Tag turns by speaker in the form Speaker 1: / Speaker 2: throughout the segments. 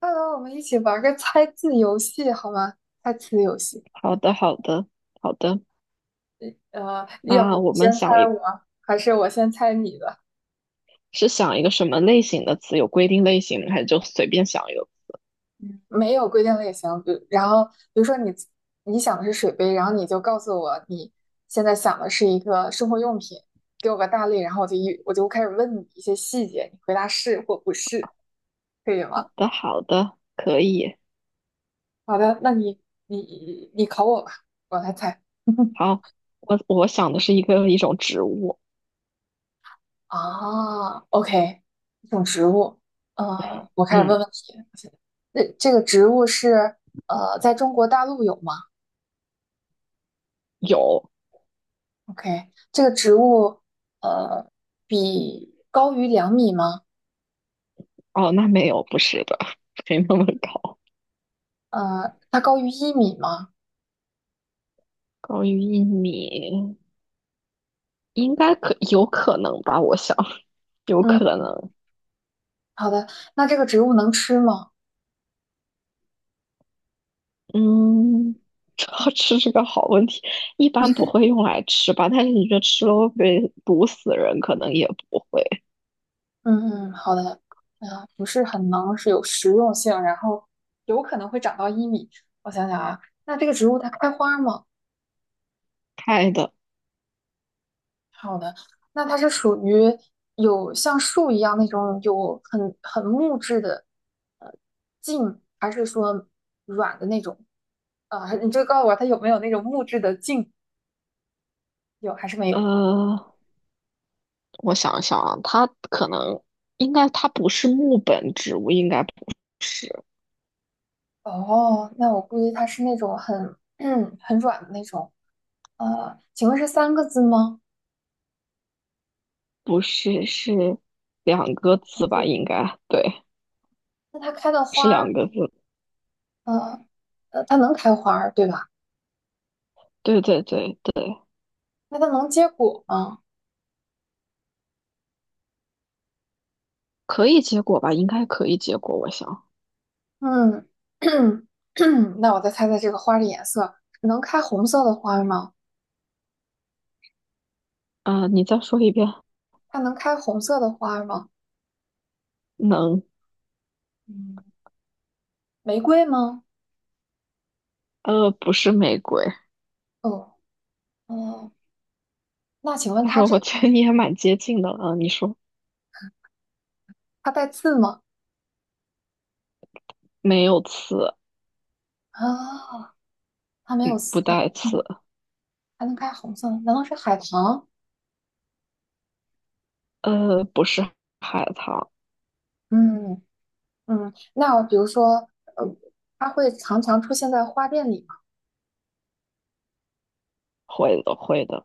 Speaker 1: 快来，我们一起玩个猜字游戏好吗？猜词游戏。
Speaker 2: 好的，好的，好的。
Speaker 1: 要不
Speaker 2: 那我们
Speaker 1: 先猜我，还是我先猜你的？
Speaker 2: 是想一个什么类型的词？有规定类型吗？还是就随便想一个？
Speaker 1: 嗯，没有规定类型，比如比如说你想的是水杯，然后你就告诉我你现在想的是一个生活用品，给我个大类，然后我就开始问你一些细节，你回答是或不是，可以吗？
Speaker 2: 好的，好的，可以。
Speaker 1: 好的，那你考我吧，我来猜。
Speaker 2: 好，我想的是一种植物。
Speaker 1: 啊，OK，一种植物，我开始问
Speaker 2: 嗯，
Speaker 1: 问题。那这个植物是在中国大陆有吗
Speaker 2: 有。
Speaker 1: ？OK，这个植物呃，比高于2米吗？
Speaker 2: 哦，那没有，不是的，没那么高。
Speaker 1: 它高于一米吗？
Speaker 2: 高于1米，应该有可能吧？我想有
Speaker 1: 嗯，
Speaker 2: 可能。
Speaker 1: 好的。那这个植物能吃吗？
Speaker 2: 嗯，要吃是个好问题。一般不会用来吃吧？但是你说吃了会被毒死人，可能也不会。
Speaker 1: 嗯嗯，好的。不是很能，是有食用性，然后有可能会长到一米。我想想啊，那这个植物它开花吗？
Speaker 2: 开的。
Speaker 1: 好的，那它是属于有像树一样那种有很木质的呃茎，还是说软的那种？啊、你就告诉我它有没有那种木质的茎？有还是没有？
Speaker 2: 呃，我想一想啊，它可能应该它不是木本植物，应该不是。
Speaker 1: 哦，那我估计它是那种很 很软的那种。请问是三个字吗？
Speaker 2: 是两个
Speaker 1: 就
Speaker 2: 字吧？
Speaker 1: 是
Speaker 2: 应该对，
Speaker 1: 那它开的
Speaker 2: 是
Speaker 1: 花儿，
Speaker 2: 两个字。
Speaker 1: 呃它能开花儿对吧？
Speaker 2: 对对对对，
Speaker 1: 那它能结果吗？
Speaker 2: 可以结果吧？应该可以结果，我想。
Speaker 1: 嗯，那我再猜猜这个花的颜色，能开红色的花吗？
Speaker 2: 你再说一遍。
Speaker 1: 它能开红色的花吗？
Speaker 2: 能。
Speaker 1: 嗯，玫瑰吗？
Speaker 2: 不是玫瑰。
Speaker 1: 哦，哦，那请问
Speaker 2: 但是
Speaker 1: 它这
Speaker 2: 我
Speaker 1: 个
Speaker 2: 觉得你也蛮接近的了，你说
Speaker 1: 它带刺吗？
Speaker 2: 没有刺，
Speaker 1: 啊，它没有刺，
Speaker 2: 不带刺。
Speaker 1: 嗯，还能开红色的，难道是海棠？
Speaker 2: 不是海棠。
Speaker 1: 嗯嗯，那比如说，呃，它会常常出现在花店里吗？
Speaker 2: 会的，会的。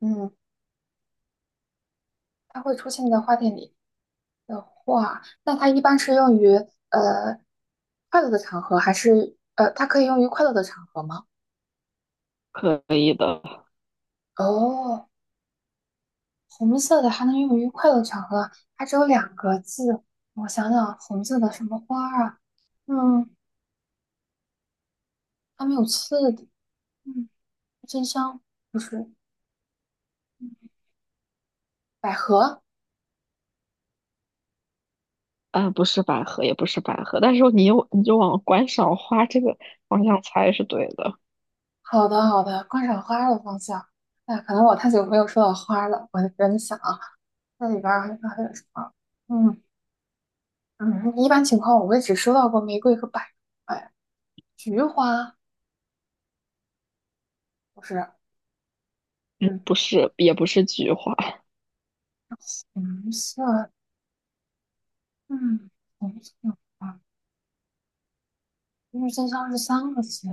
Speaker 1: 嗯，它会出现在花店里。的话，那它一般是用于呃快乐的场合，还是它可以用于快乐的场合吗？
Speaker 2: 可以的。
Speaker 1: 哦，红色的还能用于快乐场合，它只有两个字。我想想，红色的什么花儿啊？嗯，它没有刺的。嗯，真香不是嗯百合。
Speaker 2: 嗯，不是百合，也不是百合，但是你就往观赏花这个方向猜是对的。
Speaker 1: 好的，好的，观赏花儿的方向。那可能我太久没有说到花儿了，我就在想啊，那里边儿还有什么？嗯。嗯，一般情况我也只收到过玫瑰和百合，哎，菊花不是，嗯，
Speaker 2: 不是，也不是菊花。
Speaker 1: 红色，嗯，红色的花郁金香是三个字。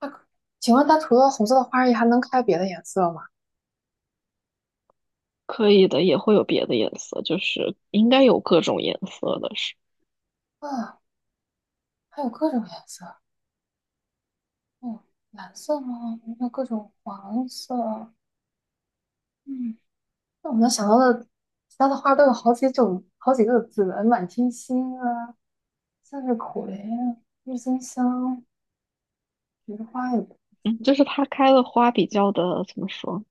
Speaker 1: 那可请问它除了红色的花儿也还能开别的颜色吗？
Speaker 2: 可以的，也会有别的颜色，就是应该有各种颜色的是。
Speaker 1: 啊，还有各种颜色，嗯，蓝色吗？还有各种黄色，嗯，那我能想到的其他的花都有好几种，好几个字的，满天星啊，向日葵啊，郁金香，菊花也不
Speaker 2: 嗯，
Speaker 1: 错。
Speaker 2: 就是它开的花比较的怎么说，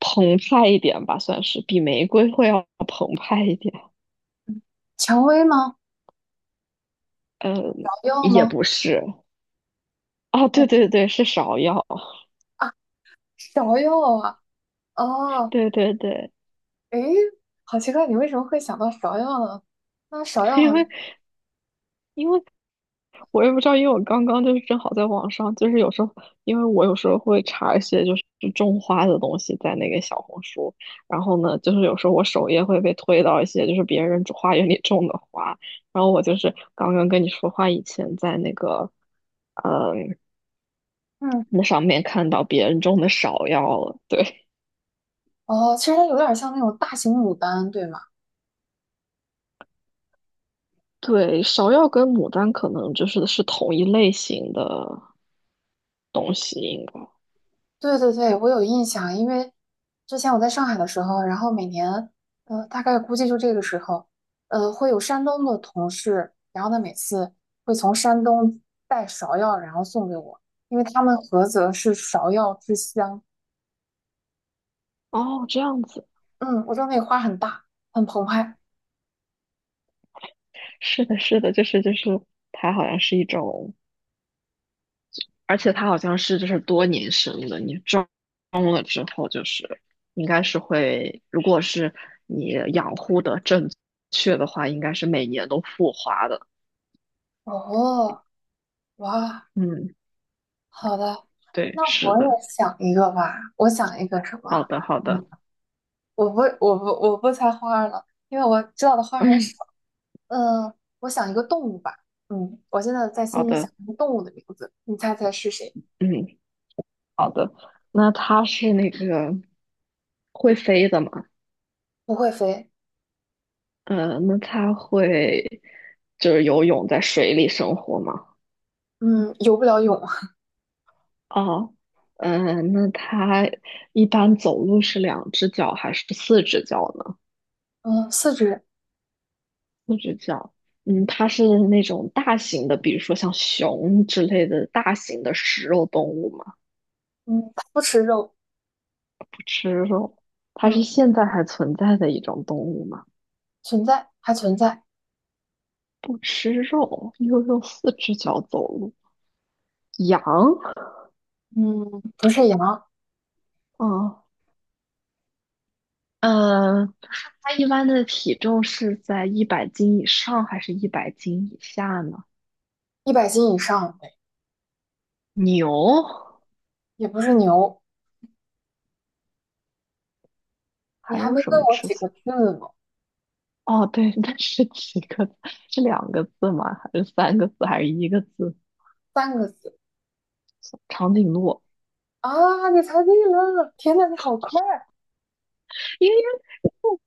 Speaker 2: 澎湃一点吧，算是比玫瑰会要澎湃一点。
Speaker 1: 蔷薇吗？
Speaker 2: 嗯，
Speaker 1: 芍药
Speaker 2: 也
Speaker 1: 吗？
Speaker 2: 不是。啊，
Speaker 1: 哦
Speaker 2: 对对对，是芍药。
Speaker 1: 啊，芍药啊，哦，
Speaker 2: 对对对。
Speaker 1: 诶，好奇怪，你为什么会想到芍药呢？那芍 药
Speaker 2: 因
Speaker 1: 好像，
Speaker 2: 为因为我也不知道。因为我刚刚就是正好在网上，就是有时候，因为我有时候会查一些就是种花的东西在那个小红书。然后呢，就是有时候我首页会被推到一些就是别人种花园里种的花。然后我就是刚刚跟你说话以前在那个，呃，
Speaker 1: 嗯，
Speaker 2: 那上面看到别人种的芍药了，对。
Speaker 1: 哦，其实它有点像那种大型牡丹，对吗？
Speaker 2: 对，芍药跟牡丹可能是同一类型的东西，应该。
Speaker 1: 对对对，我有印象，因为之前我在上海的时候，然后每年，大概估计就这个时候，会有山东的同事，然后他每次会从山东带芍药，然后送给我，因为他们菏泽是芍药之乡。
Speaker 2: 哦，这样子。
Speaker 1: 嗯，我知道那个花很大，很澎湃。
Speaker 2: 是的，是的，就是，它好像是一种，而且它好像是就是多年生的，你种了之后就是应该是会，如果是你养护的正确的话，应该是每年都复花的。
Speaker 1: 哦，哇，
Speaker 2: 嗯，
Speaker 1: 好的，
Speaker 2: 对，
Speaker 1: 那
Speaker 2: 是
Speaker 1: 我
Speaker 2: 的。
Speaker 1: 也想一个吧。我想一个什么？
Speaker 2: 好的，好
Speaker 1: 嗯，
Speaker 2: 的。
Speaker 1: 我不猜花儿了，因为我知道的花儿很
Speaker 2: 嗯，
Speaker 1: 少。嗯，我想一个动物吧。嗯，我现在在
Speaker 2: 好
Speaker 1: 心里想
Speaker 2: 的。
Speaker 1: 一个动物的名字，你猜猜是谁？
Speaker 2: 嗯，好的。那它是那个会飞的吗？
Speaker 1: 不会飞，
Speaker 2: 那它会就是游泳在水里生活吗？
Speaker 1: 嗯，游不了泳，
Speaker 2: 哦。嗯，那它一般走路是两只脚还是四只脚呢？
Speaker 1: 嗯，四肢，
Speaker 2: 四只脚。嗯，它是那种大型的，比如说像熊之类的大型的食肉动物吗？
Speaker 1: 嗯，它不吃肉，
Speaker 2: 不吃肉。它是
Speaker 1: 嗯，
Speaker 2: 现在还存在的一种动物吗？
Speaker 1: 存在还存在，
Speaker 2: 不吃肉，又用四只脚走路。羊。
Speaker 1: 嗯，不是羊，
Speaker 2: 嗯，呃，它一般的体重是在一百斤以上还是一百斤以下呢？
Speaker 1: 100斤以上，
Speaker 2: 牛。
Speaker 1: 也不是牛，你
Speaker 2: 还
Speaker 1: 还
Speaker 2: 有
Speaker 1: 没
Speaker 2: 什
Speaker 1: 问
Speaker 2: 么
Speaker 1: 我
Speaker 2: 吃？
Speaker 1: 几个字呢，
Speaker 2: 哦，对，那是几个字？是两个字吗？还是三个字？还是一个字？
Speaker 1: 三个字
Speaker 2: 长颈鹿。
Speaker 1: 啊！你猜对了，天呐，你好快！
Speaker 2: 因为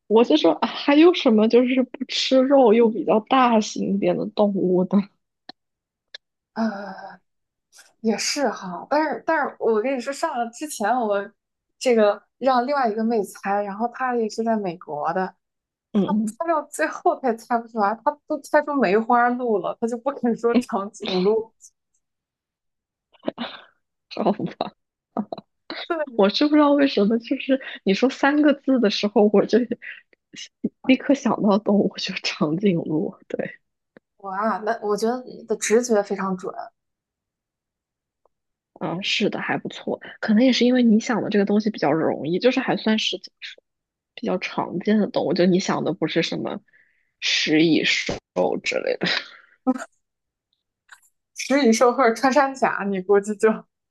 Speaker 2: 我就说，啊还有什么就是不吃肉又比较大型一点的动物呢？
Speaker 1: 啊！也是哈，但是我跟你说，上了之前我这个让另外一个妹猜，然后她也是在美国的，她
Speaker 2: 嗯。
Speaker 1: 猜到最后她也猜不出来，她都猜出梅花鹿了，她就不肯说
Speaker 2: 嗯
Speaker 1: 长颈鹿。
Speaker 2: 好吧，
Speaker 1: 对，
Speaker 2: 我是不知道为什么，就是你说三个字的时候，我就 立刻想到动物，就长颈鹿。对。
Speaker 1: 我啊，那我觉得你的直觉非常准，
Speaker 2: 嗯，是的，还不错。可能也是因为你想的这个东西比较容易，就是还算是怎么说，比较常见的动物。就你想的不是什么食蚁兽之类的。
Speaker 1: 食蚁兽或者穿山甲，你估计就有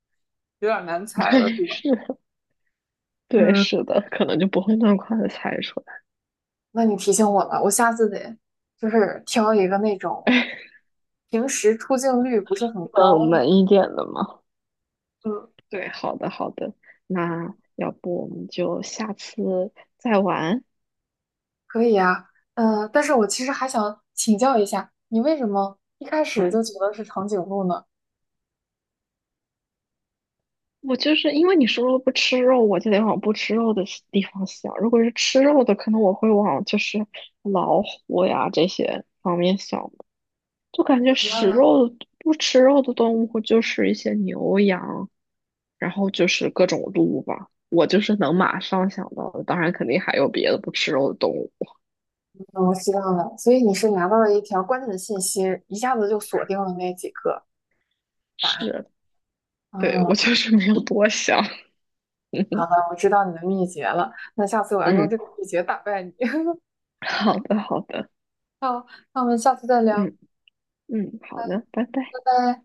Speaker 1: 点难 猜了，
Speaker 2: 对，
Speaker 1: 是吧？
Speaker 2: 是的。对，
Speaker 1: 嗯。
Speaker 2: 是的，可能就不会那么快的猜出来。
Speaker 1: 那你提醒我了，我下次得就是挑一个那 种
Speaker 2: 哎，
Speaker 1: 平时出镜率不是很高
Speaker 2: 冷
Speaker 1: 的
Speaker 2: 门一点的嘛。
Speaker 1: 嗯，
Speaker 2: 对，好的，好的。那要不我们就下次再玩。
Speaker 1: 可以啊。但是我其实还想请教一下，你为什么一开始
Speaker 2: 嗯。
Speaker 1: 就觉得是长颈鹿呢？
Speaker 2: 我就是因为你说了不吃肉，我就得往不吃肉的西地方想。如果是吃肉的，可能我会往就是老虎呀这些方面想。就感觉食肉的不吃肉的动物就是一些牛羊，然后就是各种鹿吧。我就是能马上想到的，当然肯定还有别的不吃肉的动物。
Speaker 1: 嗯，我知道了，所以你是拿到了一条关键的信息，一下子就锁定了那几个答案。
Speaker 2: 是。对，
Speaker 1: 嗯，
Speaker 2: 我就是没有多想。
Speaker 1: 好 的，我知道你的秘诀了。那下次我要用
Speaker 2: 嗯，
Speaker 1: 这个秘诀打败你。
Speaker 2: 好的，好的，
Speaker 1: 好，那我们下次再聊，拜
Speaker 2: 嗯嗯，好的，拜拜。
Speaker 1: 拜。